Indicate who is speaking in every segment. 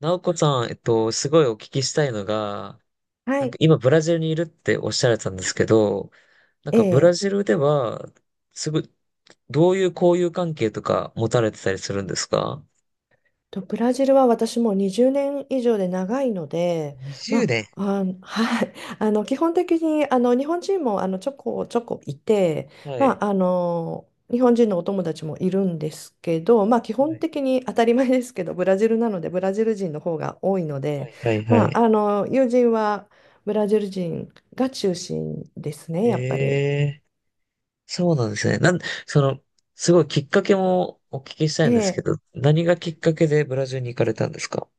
Speaker 1: なおこさん、すごいお聞きしたいのが、
Speaker 2: は
Speaker 1: なんか
Speaker 2: い。
Speaker 1: 今ブラジルにいるっておっしゃられてたんですけど、なんかブラ
Speaker 2: ええ
Speaker 1: ジルでは、すぐ、どういう交友関係とか持たれてたりするんですか？
Speaker 2: ブラジルは私もう20年以上で長いので、
Speaker 1: 20
Speaker 2: ま
Speaker 1: 年。
Speaker 2: あ、あはい。基本的に、日本人も、ちょこちょこいて、
Speaker 1: は
Speaker 2: ま
Speaker 1: い。
Speaker 2: あ、日本人のお友達もいるんですけど、まあ、基
Speaker 1: は
Speaker 2: 本
Speaker 1: い。
Speaker 2: 的に当たり前ですけど、ブラジルなので、ブラジル人の方が多いの
Speaker 1: は
Speaker 2: で、
Speaker 1: い。はい。は
Speaker 2: まあ、
Speaker 1: い。
Speaker 2: 友人はブラジル人が中心ですね、
Speaker 1: え
Speaker 2: やっぱり。
Speaker 1: え、そうなんですね。その、すごいきっかけもお聞きしたいんですけ
Speaker 2: ええ
Speaker 1: ど、何がきっかけでブラジルに行かれたんですか？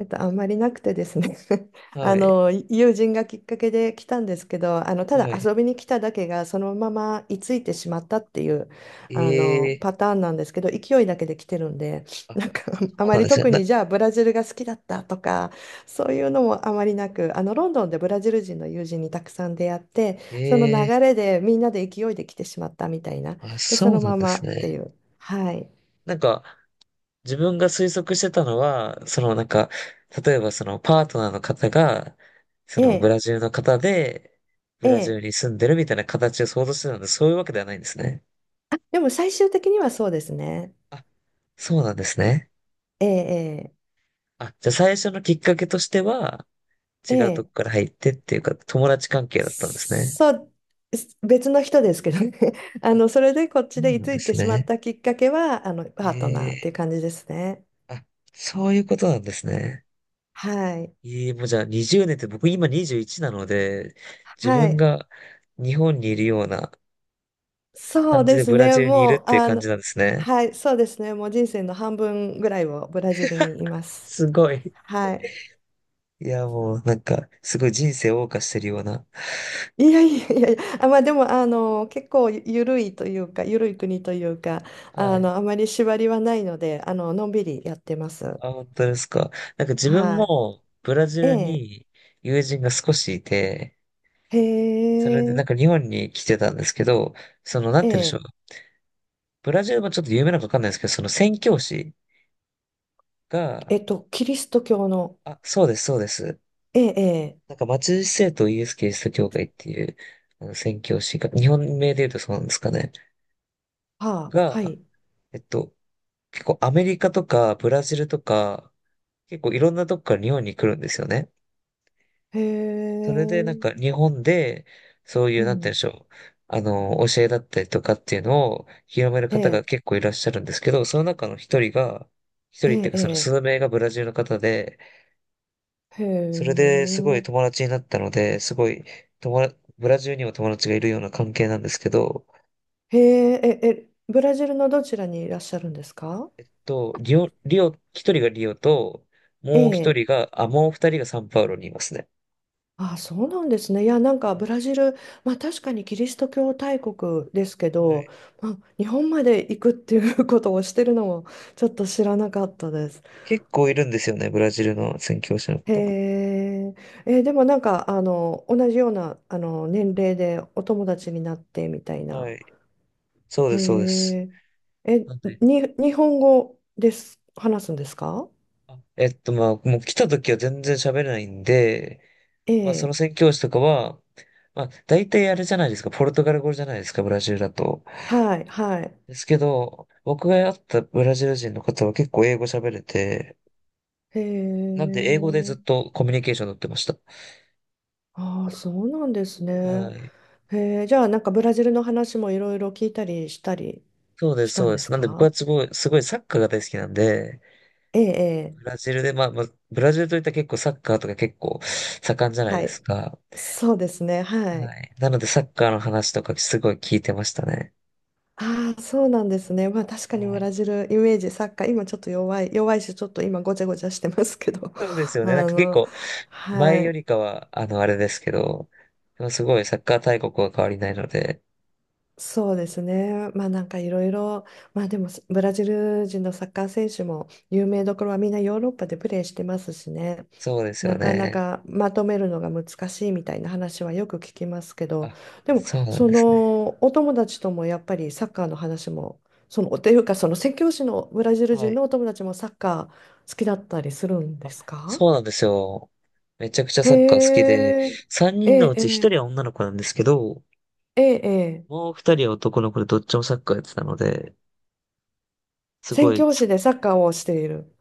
Speaker 2: あんまりなくてですね。
Speaker 1: はい。
Speaker 2: 友人がきっかけで来たんですけど、ただ
Speaker 1: はい。
Speaker 2: 遊びに来ただけがそのまま居ついてしまったっていう
Speaker 1: ええ、
Speaker 2: パターンなんですけど、勢いだけで来てるんで。
Speaker 1: あ、
Speaker 2: なんか あ
Speaker 1: そう
Speaker 2: ま
Speaker 1: なん
Speaker 2: り
Speaker 1: ですね。
Speaker 2: 特にじゃあブラジルが好きだったとか、そういうのもあまりなく、ロンドンでブラジル人の友人にたくさん出会って、その流
Speaker 1: え
Speaker 2: れでみんなで勢いで来てしまったみたいな。
Speaker 1: あ、
Speaker 2: でそ
Speaker 1: そう
Speaker 2: の
Speaker 1: なん
Speaker 2: ま
Speaker 1: で
Speaker 2: ま
Speaker 1: す
Speaker 2: って
Speaker 1: ね。
Speaker 2: いう。はい。
Speaker 1: なんか、自分が推測してたのは、そのなんか、例えばそのパートナーの方が、そ
Speaker 2: え
Speaker 1: のブ
Speaker 2: え。
Speaker 1: ラジルの方で、ブラジ
Speaker 2: ええ。
Speaker 1: ルに住んでるみたいな形を想像してたので、そういうわけではないんですね。
Speaker 2: でも最終的にはそうですね。
Speaker 1: あ、そうなんですね。
Speaker 2: ええ、
Speaker 1: あ、じゃあ最初のきっかけとしては、
Speaker 2: え
Speaker 1: 違うと
Speaker 2: え、ええ、
Speaker 1: こから入ってっていうか、友達関係だったんですね。
Speaker 2: そう、別の人ですけどね。
Speaker 1: あ、そ
Speaker 2: それでこっちで
Speaker 1: う
Speaker 2: 居
Speaker 1: なん
Speaker 2: つ
Speaker 1: で
Speaker 2: いて
Speaker 1: す
Speaker 2: しまっ
Speaker 1: ね。
Speaker 2: たきっかけは、
Speaker 1: え
Speaker 2: パートナーって
Speaker 1: え、
Speaker 2: いう感じですね。
Speaker 1: あ、そういうことなんですね。
Speaker 2: はい。
Speaker 1: ええ、もうじゃあ20年って僕今21なので、自
Speaker 2: は
Speaker 1: 分
Speaker 2: い。
Speaker 1: が日本にいるような
Speaker 2: そう
Speaker 1: 感じ
Speaker 2: で
Speaker 1: で
Speaker 2: す
Speaker 1: ブラ
Speaker 2: ね。
Speaker 1: ジルにい
Speaker 2: も
Speaker 1: るっ
Speaker 2: う、
Speaker 1: ていう感じなんですね。
Speaker 2: はい、そうですね。もう人生の半分ぐらいをブラジルにいます。
Speaker 1: すごい。
Speaker 2: はい。
Speaker 1: いや、もうなんか、すごい人生を謳歌してるような。
Speaker 2: いやいやいやいや、あ、まあでも、結構ゆるいというか、ゆるい国というか、
Speaker 1: はい。
Speaker 2: あまり縛りはないので、のんびりやってます。
Speaker 1: あ、本当ですか。なんか自分
Speaker 2: は
Speaker 1: もブラジ
Speaker 2: い。
Speaker 1: ル
Speaker 2: ええ。
Speaker 1: に友人が少しいて、
Speaker 2: へ
Speaker 1: それでなん
Speaker 2: え、
Speaker 1: か日本に来てたんですけど、その、な
Speaker 2: え
Speaker 1: んて言うんでしょう。
Speaker 2: え、
Speaker 1: ブラジルもちょっと有名なのかわかんないですけど、その宣教師が、
Speaker 2: キリスト教の、
Speaker 1: あ、そうです、そうです。
Speaker 2: ええ、ええ、
Speaker 1: なんか松シ聖とイエス・キリスト教会っていう、あの、宣教師が、日本名で言うとそうなんですかね。
Speaker 2: はあ、は
Speaker 1: が、
Speaker 2: い、
Speaker 1: えっと、結構アメリカとかブラジルとか、結構いろんなとこから日本に来るんですよね。
Speaker 2: へ
Speaker 1: それでなんか
Speaker 2: え、
Speaker 1: 日本で、そうい
Speaker 2: う
Speaker 1: う、なんて言うんで
Speaker 2: ん、
Speaker 1: しょう。あの、教えだったりとかっていうのを広める
Speaker 2: え
Speaker 1: 方が
Speaker 2: え、
Speaker 1: 結構いらっしゃるんですけど、その中の一人が、一
Speaker 2: え
Speaker 1: 人ってい
Speaker 2: え、
Speaker 1: うかその
Speaker 2: え
Speaker 1: 数名がブラジルの方で、
Speaker 2: え。へ
Speaker 1: それ
Speaker 2: え、
Speaker 1: ですごい友達になったので、すごい友達、ブラジルにも友達がいるような関係なんですけど、
Speaker 2: へえ、え、え、ブラジルのどちらにいらっしゃるんですか？
Speaker 1: と、リオ、一人がリオと、
Speaker 2: え
Speaker 1: もう一
Speaker 2: え、
Speaker 1: 人が、あ、もう二人がサンパウロにいますね。
Speaker 2: あ、そうなんですね。いや、なんかブラジル、まあ確かにキリスト教大国ですけ
Speaker 1: は
Speaker 2: ど、
Speaker 1: い。
Speaker 2: まあ、日本まで行くっていうことをしてるのもちょっと知らなかったです。
Speaker 1: 結構いるんですよね、ブラジルの宣教師の
Speaker 2: へ
Speaker 1: 方。
Speaker 2: え、でもなんかあの同じようなあの年齢でお友達になってみたい
Speaker 1: は
Speaker 2: な。
Speaker 1: い。そう
Speaker 2: へ
Speaker 1: です、そうです。
Speaker 2: え、え、
Speaker 1: なんで、
Speaker 2: 日本語です、話すんですか？
Speaker 1: あ、まあ、もう来た時は全然喋れないんで、
Speaker 2: え
Speaker 1: まあ、その
Speaker 2: え、
Speaker 1: 宣教師とかは、まあ、大体あれじゃないですか、ポルトガル語じゃないですか、ブラジルだと。
Speaker 2: はい、はい。
Speaker 1: ですけど、僕が会ったブラジル人の方は結構英語喋れて、
Speaker 2: へ
Speaker 1: なんで英語でずっ
Speaker 2: え、
Speaker 1: とコミュニケーション取ってました。
Speaker 2: ああ、そうなんです
Speaker 1: は
Speaker 2: ね。
Speaker 1: い。
Speaker 2: へえ、じゃあなんかブラジルの話もいろいろ聞いたりしたり
Speaker 1: そうで
Speaker 2: し
Speaker 1: す、
Speaker 2: た
Speaker 1: そう
Speaker 2: ん
Speaker 1: で
Speaker 2: で
Speaker 1: す。
Speaker 2: す
Speaker 1: なんで僕
Speaker 2: か？
Speaker 1: はすごい、すごいサッカーが大好きなんで、
Speaker 2: ええ、ええ、
Speaker 1: ブラジルで、ブラジルといったら結構サッカーとか結構盛んじゃない
Speaker 2: は
Speaker 1: で
Speaker 2: い。
Speaker 1: すか。
Speaker 2: そうですね、は
Speaker 1: は
Speaker 2: い。
Speaker 1: い。なのでサッカーの話とかすごい聞いてましたね。
Speaker 2: ああ、そうなんですね。まあ確かに
Speaker 1: は
Speaker 2: ブ
Speaker 1: い。
Speaker 2: ラジルイメージ、サッカー、今ちょっと弱いし、ちょっと今ごちゃごちゃしてますけど、
Speaker 1: そうです よね。なん
Speaker 2: あ
Speaker 1: か結
Speaker 2: の、
Speaker 1: 構
Speaker 2: は
Speaker 1: 前よ
Speaker 2: い、
Speaker 1: りかは、あの、あれですけど、でもすごいサッカー大国は変わりないので、
Speaker 2: そうですね。まあなんかいろいろ、まあでもブラジル人のサッカー選手も有名どころはみんなヨーロッパでプレーしてますしね。
Speaker 1: そうですよ
Speaker 2: なかな
Speaker 1: ね。
Speaker 2: かまとめるのが難しいみたいな話はよく聞きますけど、
Speaker 1: あ、
Speaker 2: でも
Speaker 1: そうなん
Speaker 2: そ
Speaker 1: ですね。
Speaker 2: のお友達ともやっぱりサッカーの話も、そのというか、その宣教師のブラジル
Speaker 1: は
Speaker 2: 人
Speaker 1: い。
Speaker 2: のお友達もサッカー好きだったりするんで
Speaker 1: あ、
Speaker 2: すか？
Speaker 1: そうなんですよ。めちゃくちゃ
Speaker 2: へ
Speaker 1: サッカー好きで、
Speaker 2: え、
Speaker 1: 3
Speaker 2: え
Speaker 1: 人のうち1人
Speaker 2: え、
Speaker 1: は女の子なんですけど、
Speaker 2: ええ、ええ、
Speaker 1: もう2人は男の子でどっちもサッカーやってたので、すご
Speaker 2: 宣
Speaker 1: い、
Speaker 2: 教師でサッカーをしている。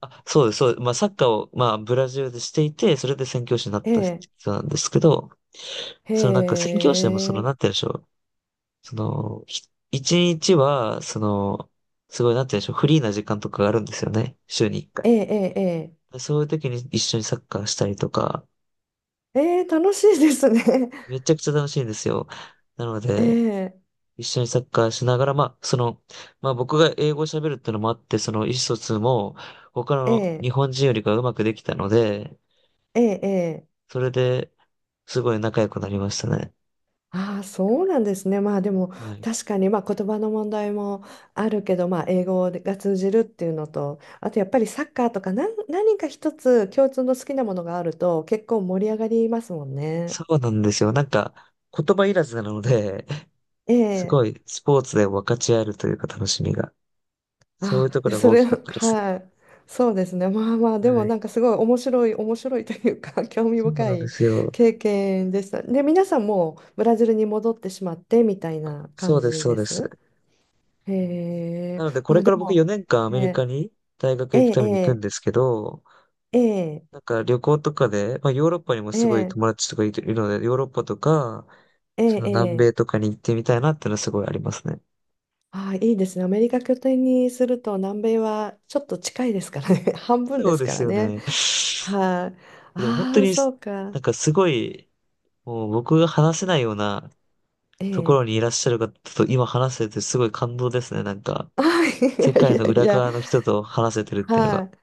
Speaker 1: あ、そうです、そうです。まあサッカーを、まあブラジルでしていて、それで宣教師になっ
Speaker 2: え
Speaker 1: た
Speaker 2: え、
Speaker 1: 人なんですけど、
Speaker 2: へ
Speaker 1: そのなんか宣教師でもその、
Speaker 2: え、
Speaker 1: なんて言うんでしょう。その、一日は、その、すごい、なんて言うんでしょう。フリーな時間とかがあるんですよね。週に一回。
Speaker 2: ええ、ええ、
Speaker 1: でそういう時に一緒にサッカーしたりとか、
Speaker 2: ええ、ええ、楽しいですね。
Speaker 1: めちゃくちゃ楽しいんですよ。なの
Speaker 2: え
Speaker 1: で、
Speaker 2: え、
Speaker 1: 一緒にサッカーしながら、まあ、その、まあ僕が英語を喋るってのもあって、その意思疎通も他
Speaker 2: え
Speaker 1: の
Speaker 2: え、
Speaker 1: 日本人よりかうまくできたので、
Speaker 2: ええ、え。
Speaker 1: それですごい仲良くなりましたね。
Speaker 2: ああ、そうなんですね。まあでも
Speaker 1: はい。
Speaker 2: 確かに、まあ言葉の問題もあるけど、まあ、英語が通じるっていうのと、あとやっぱりサッカーとか何か一つ共通の好きなものがあると結構盛り上がりますもんね。
Speaker 1: そうなんですよ。なんか言葉いらずなので、
Speaker 2: え
Speaker 1: す
Speaker 2: え。
Speaker 1: ごいスポーツで分かち合えるというか楽しみが。そうい
Speaker 2: あ
Speaker 1: う
Speaker 2: あ、
Speaker 1: とこ
Speaker 2: で
Speaker 1: ろが
Speaker 2: そ
Speaker 1: 大
Speaker 2: れ
Speaker 1: きかったですね。
Speaker 2: はい。そうですね。まあまあでも
Speaker 1: はい。
Speaker 2: なんかすごい面白いというか 興味
Speaker 1: そう
Speaker 2: 深
Speaker 1: なんで
Speaker 2: い
Speaker 1: すよ。
Speaker 2: 経験でした。で皆さんもうブラジルに戻ってしまってみたいな
Speaker 1: そ
Speaker 2: 感
Speaker 1: うです、
Speaker 2: じ
Speaker 1: そう
Speaker 2: で
Speaker 1: です。
Speaker 2: す。へえ。
Speaker 1: なので、こ
Speaker 2: ま
Speaker 1: れ
Speaker 2: あ
Speaker 1: か
Speaker 2: で
Speaker 1: ら僕
Speaker 2: も。
Speaker 1: 4年間アメリ
Speaker 2: え
Speaker 1: カ
Speaker 2: ー
Speaker 1: に大学
Speaker 2: え
Speaker 1: 行くために行くん
Speaker 2: え、
Speaker 1: ですけど、
Speaker 2: ええ、
Speaker 1: なんか旅行とかで、まあヨーロッパにも
Speaker 2: え
Speaker 1: すごい
Speaker 2: え、
Speaker 1: 友達とかいるので、ヨーロッパとか、
Speaker 2: ええ、
Speaker 1: その
Speaker 2: え
Speaker 1: 南
Speaker 2: え。
Speaker 1: 米とかに行ってみたいなっていうのはすごいありますね。
Speaker 2: ああ、いいですね。アメリカ拠点にすると南米はちょっと近いですからね。半分
Speaker 1: そ
Speaker 2: で
Speaker 1: う
Speaker 2: す
Speaker 1: で
Speaker 2: か
Speaker 1: す
Speaker 2: ら
Speaker 1: よ
Speaker 2: ね。
Speaker 1: ね。
Speaker 2: はい、あ。
Speaker 1: でも本当
Speaker 2: ああ、
Speaker 1: に、
Speaker 2: そうか。
Speaker 1: なんかすごい、もう僕が話せないような
Speaker 2: え
Speaker 1: ところに
Speaker 2: え。
Speaker 1: いらっしゃる方と今話せてすごい感動ですね。なんか、
Speaker 2: ああ、い
Speaker 1: 世
Speaker 2: やい
Speaker 1: 界
Speaker 2: や
Speaker 1: の
Speaker 2: い
Speaker 1: 裏
Speaker 2: や。
Speaker 1: 側の人と話せてるっていうのが。
Speaker 2: はい、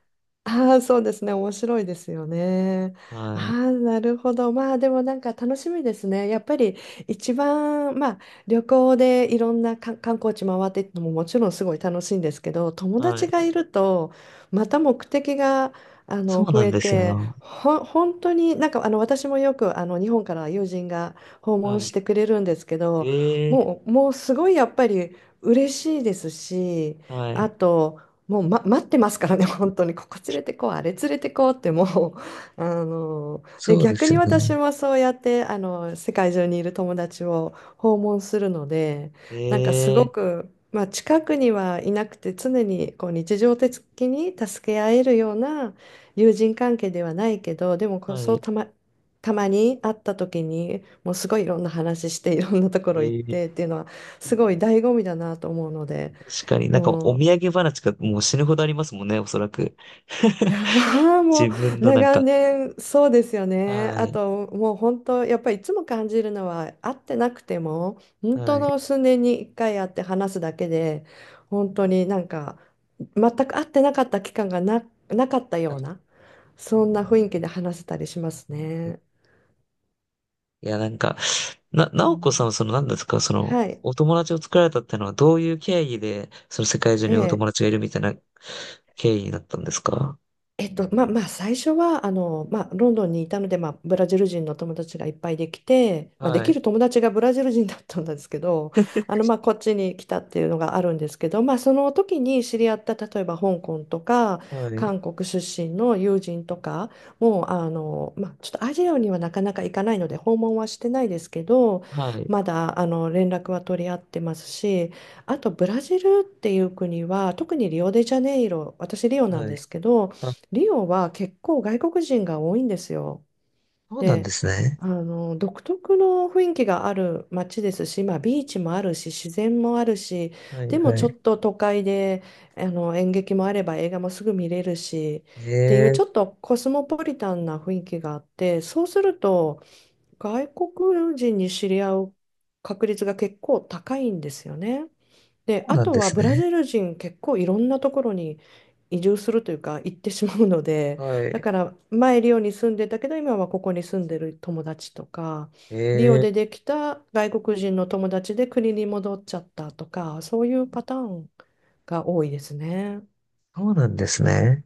Speaker 2: ああ、そうですね。面白いですよね。
Speaker 1: は
Speaker 2: ああ、
Speaker 1: い。
Speaker 2: なるほど。まあ、でもなんか楽しみですね。やっぱり一番、まあ、旅行でいろんな観光地回っていくのももちろんすごい楽しいんですけど、友
Speaker 1: は
Speaker 2: 達
Speaker 1: い。
Speaker 2: がいると、また目的が、
Speaker 1: そう
Speaker 2: 増
Speaker 1: なん
Speaker 2: え
Speaker 1: です
Speaker 2: て、
Speaker 1: よ。
Speaker 2: 本当になんか、私もよく、日本から友人が訪
Speaker 1: は
Speaker 2: 問し
Speaker 1: い。
Speaker 2: てくれるんですけど、
Speaker 1: ええ。
Speaker 2: もうすごいやっぱり嬉しいですし、
Speaker 1: は
Speaker 2: あ
Speaker 1: い。
Speaker 2: と、もう、待ってますからね、本当に、ここ連れてこう、あれ連れてこうって、もう、で、
Speaker 1: そうで
Speaker 2: 逆
Speaker 1: す
Speaker 2: に
Speaker 1: よね。
Speaker 2: 私もそうやって、世界中にいる友達を訪問するので、なんかすご
Speaker 1: ええ。
Speaker 2: く、まあ、近くにはいなくて、常にこう日常的に助け合えるような友人関係ではないけど、でもこう、
Speaker 1: は
Speaker 2: そう
Speaker 1: い。
Speaker 2: たま、たまに会った時に、もうすごいいろんな話して、いろんなところ行っ
Speaker 1: え
Speaker 2: てっ
Speaker 1: え。
Speaker 2: ていうのは、すごい醍醐味だなと思うので、
Speaker 1: 確かになんかお
Speaker 2: もう、
Speaker 1: 土産話がもう死ぬほどありますもんね、おそらく。
Speaker 2: いや ーも
Speaker 1: 自分
Speaker 2: う
Speaker 1: のなん
Speaker 2: 長
Speaker 1: か、
Speaker 2: 年そうですよね。
Speaker 1: は
Speaker 2: あ
Speaker 1: い、
Speaker 2: ともう本当やっぱりいつも感じるのは、会ってなくても本
Speaker 1: は
Speaker 2: 当
Speaker 1: い。
Speaker 2: の数年に1回会って話すだけで、本当になんか全く会ってなかった期間がなかったようなそんな雰囲気で話せたりしますね。
Speaker 1: いや、なんか、
Speaker 2: う
Speaker 1: なおこさんは
Speaker 2: ん。
Speaker 1: その何ですか、その、
Speaker 2: はい。
Speaker 1: お友達を作られたってのはどういう経緯で、その世界中にお友
Speaker 2: ええ。
Speaker 1: 達がいるみたいな経緯になったんですか？
Speaker 2: まあまあ最初はあの、まあ、ロンドンにいたので、まあ、ブラジル人の友達がいっぱいできて、まあ、で
Speaker 1: は
Speaker 2: き
Speaker 1: い、
Speaker 2: る友達がブラジル人だったんですけど、あの、まあ、こっちに来たっていうのがあるんですけど、まあ、その時に知り合った例えば香港とか
Speaker 1: はい、
Speaker 2: 韓国出身の友人とかも、あの、まあ、ちょっとアジアにはなかなか行かないので訪問はしてないですけど、
Speaker 1: はい、
Speaker 2: まだあの連絡は取り合ってますし、あとブラジルっていう国は特にリオデジャネイロ、私リオなん
Speaker 1: はい。
Speaker 2: ですけど、
Speaker 1: あ、
Speaker 2: リオは結構外国人が多いんですよ。
Speaker 1: そうなんで
Speaker 2: で、
Speaker 1: すね。
Speaker 2: あの独特の雰囲気がある街ですし、まあ、ビーチもあるし自然もあるし、
Speaker 1: はい、
Speaker 2: でも
Speaker 1: は
Speaker 2: ちょ
Speaker 1: い。
Speaker 2: っと都会で、あの演劇もあれば映画もすぐ見れるし
Speaker 1: え
Speaker 2: っていう、ちょっ
Speaker 1: え、
Speaker 2: とコスモポリタンな雰囲気があって、そうすると外国人に知り合う確率が結構高いんですよね。で、
Speaker 1: そう
Speaker 2: あ
Speaker 1: なん
Speaker 2: と
Speaker 1: で
Speaker 2: は
Speaker 1: す
Speaker 2: ブ
Speaker 1: ね。
Speaker 2: ラジル人結構いろんなところに移住するというか行ってしまうので、
Speaker 1: は
Speaker 2: だ
Speaker 1: い。
Speaker 2: から前リオに住んでたけど今はここに住んでる友達とか、
Speaker 1: え
Speaker 2: リオ
Speaker 1: え、
Speaker 2: でできた外国人の友達で国に戻っちゃったとか、そういうパターンが多いですね。
Speaker 1: そうなんですね。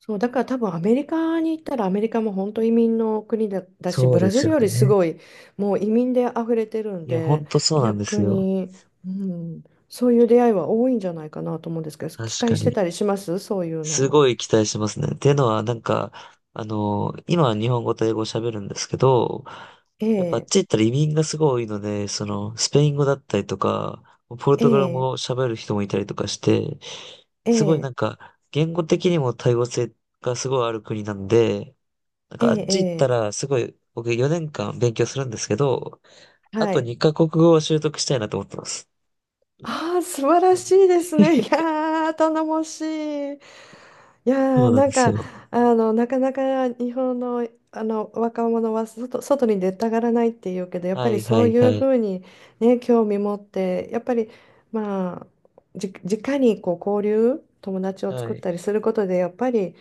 Speaker 2: そう、だから多分アメリカに行ったらアメリカも本当移民の国だし、
Speaker 1: そ
Speaker 2: ブ
Speaker 1: うで
Speaker 2: ラジ
Speaker 1: す
Speaker 2: ル
Speaker 1: よ
Speaker 2: よりす
Speaker 1: ね。
Speaker 2: ごいもう移民で溢れてるん
Speaker 1: いや、ほ
Speaker 2: で、
Speaker 1: んとそうなんです
Speaker 2: 逆
Speaker 1: よ。
Speaker 2: に、うん、そういう出会いは多いんじゃないかなと思うんですけど、
Speaker 1: 確
Speaker 2: 期
Speaker 1: か
Speaker 2: 待して
Speaker 1: に。
Speaker 2: たりしますそういう
Speaker 1: す
Speaker 2: の。
Speaker 1: ごい期待しますね。っていうのは、なんか、あの、今は日本語と英語を喋るんですけど、
Speaker 2: え
Speaker 1: やっぱあっ
Speaker 2: え、
Speaker 1: ち行ったら移民がすごい多いので、その、スペイン語だったりとか、ポル
Speaker 2: え
Speaker 1: トガル語
Speaker 2: え、
Speaker 1: を喋る人もいたりとかして、
Speaker 2: え
Speaker 1: すごいな
Speaker 2: え、
Speaker 1: んか、言語的にも多様性がすごいある国なんで、なん
Speaker 2: え
Speaker 1: かあっ
Speaker 2: え、
Speaker 1: ち行った
Speaker 2: ええ、
Speaker 1: ら、すごい、僕4年間勉強するんですけど、あ
Speaker 2: は
Speaker 1: と
Speaker 2: い。
Speaker 1: 2カ国語を習得したいなと思ってます。
Speaker 2: ああ、素晴らしいですね。いやー、頼もしい。い
Speaker 1: そ
Speaker 2: やー
Speaker 1: うなん
Speaker 2: なん
Speaker 1: です
Speaker 2: か、
Speaker 1: よ。
Speaker 2: あの、なかなか日本の、あの若者は外に出たがらないっていうけど、やっぱ
Speaker 1: は
Speaker 2: り
Speaker 1: い
Speaker 2: そ
Speaker 1: は
Speaker 2: う
Speaker 1: い
Speaker 2: い
Speaker 1: は
Speaker 2: うふ
Speaker 1: い。
Speaker 2: うに、ね、興味持ってやっぱり、まあ、直にこう交流友達を
Speaker 1: は
Speaker 2: 作っ
Speaker 1: い。
Speaker 2: たりすることでやっぱり、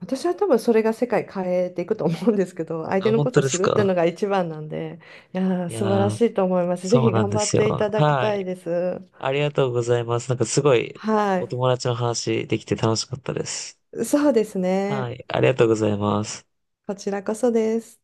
Speaker 2: 私は多分それが世界変えていくと思うんですけど、 相手
Speaker 1: あ、
Speaker 2: の
Speaker 1: 本
Speaker 2: こと
Speaker 1: 当
Speaker 2: を
Speaker 1: で
Speaker 2: 知
Speaker 1: す
Speaker 2: るっていう
Speaker 1: か？
Speaker 2: のが一番なんで、いやー
Speaker 1: いや
Speaker 2: 素晴らし
Speaker 1: ー。
Speaker 2: いと思います。ぜ
Speaker 1: そう
Speaker 2: ひ
Speaker 1: なん
Speaker 2: 頑
Speaker 1: で
Speaker 2: 張っ
Speaker 1: す
Speaker 2: てい
Speaker 1: よ。
Speaker 2: ただき
Speaker 1: は
Speaker 2: たい
Speaker 1: い。
Speaker 2: です。
Speaker 1: ありがとうございます。なんかすごい
Speaker 2: は
Speaker 1: お友達の話できて楽しかったです。
Speaker 2: い、そうです
Speaker 1: は
Speaker 2: ね。
Speaker 1: い。ありがとうございます。
Speaker 2: こちらこそです。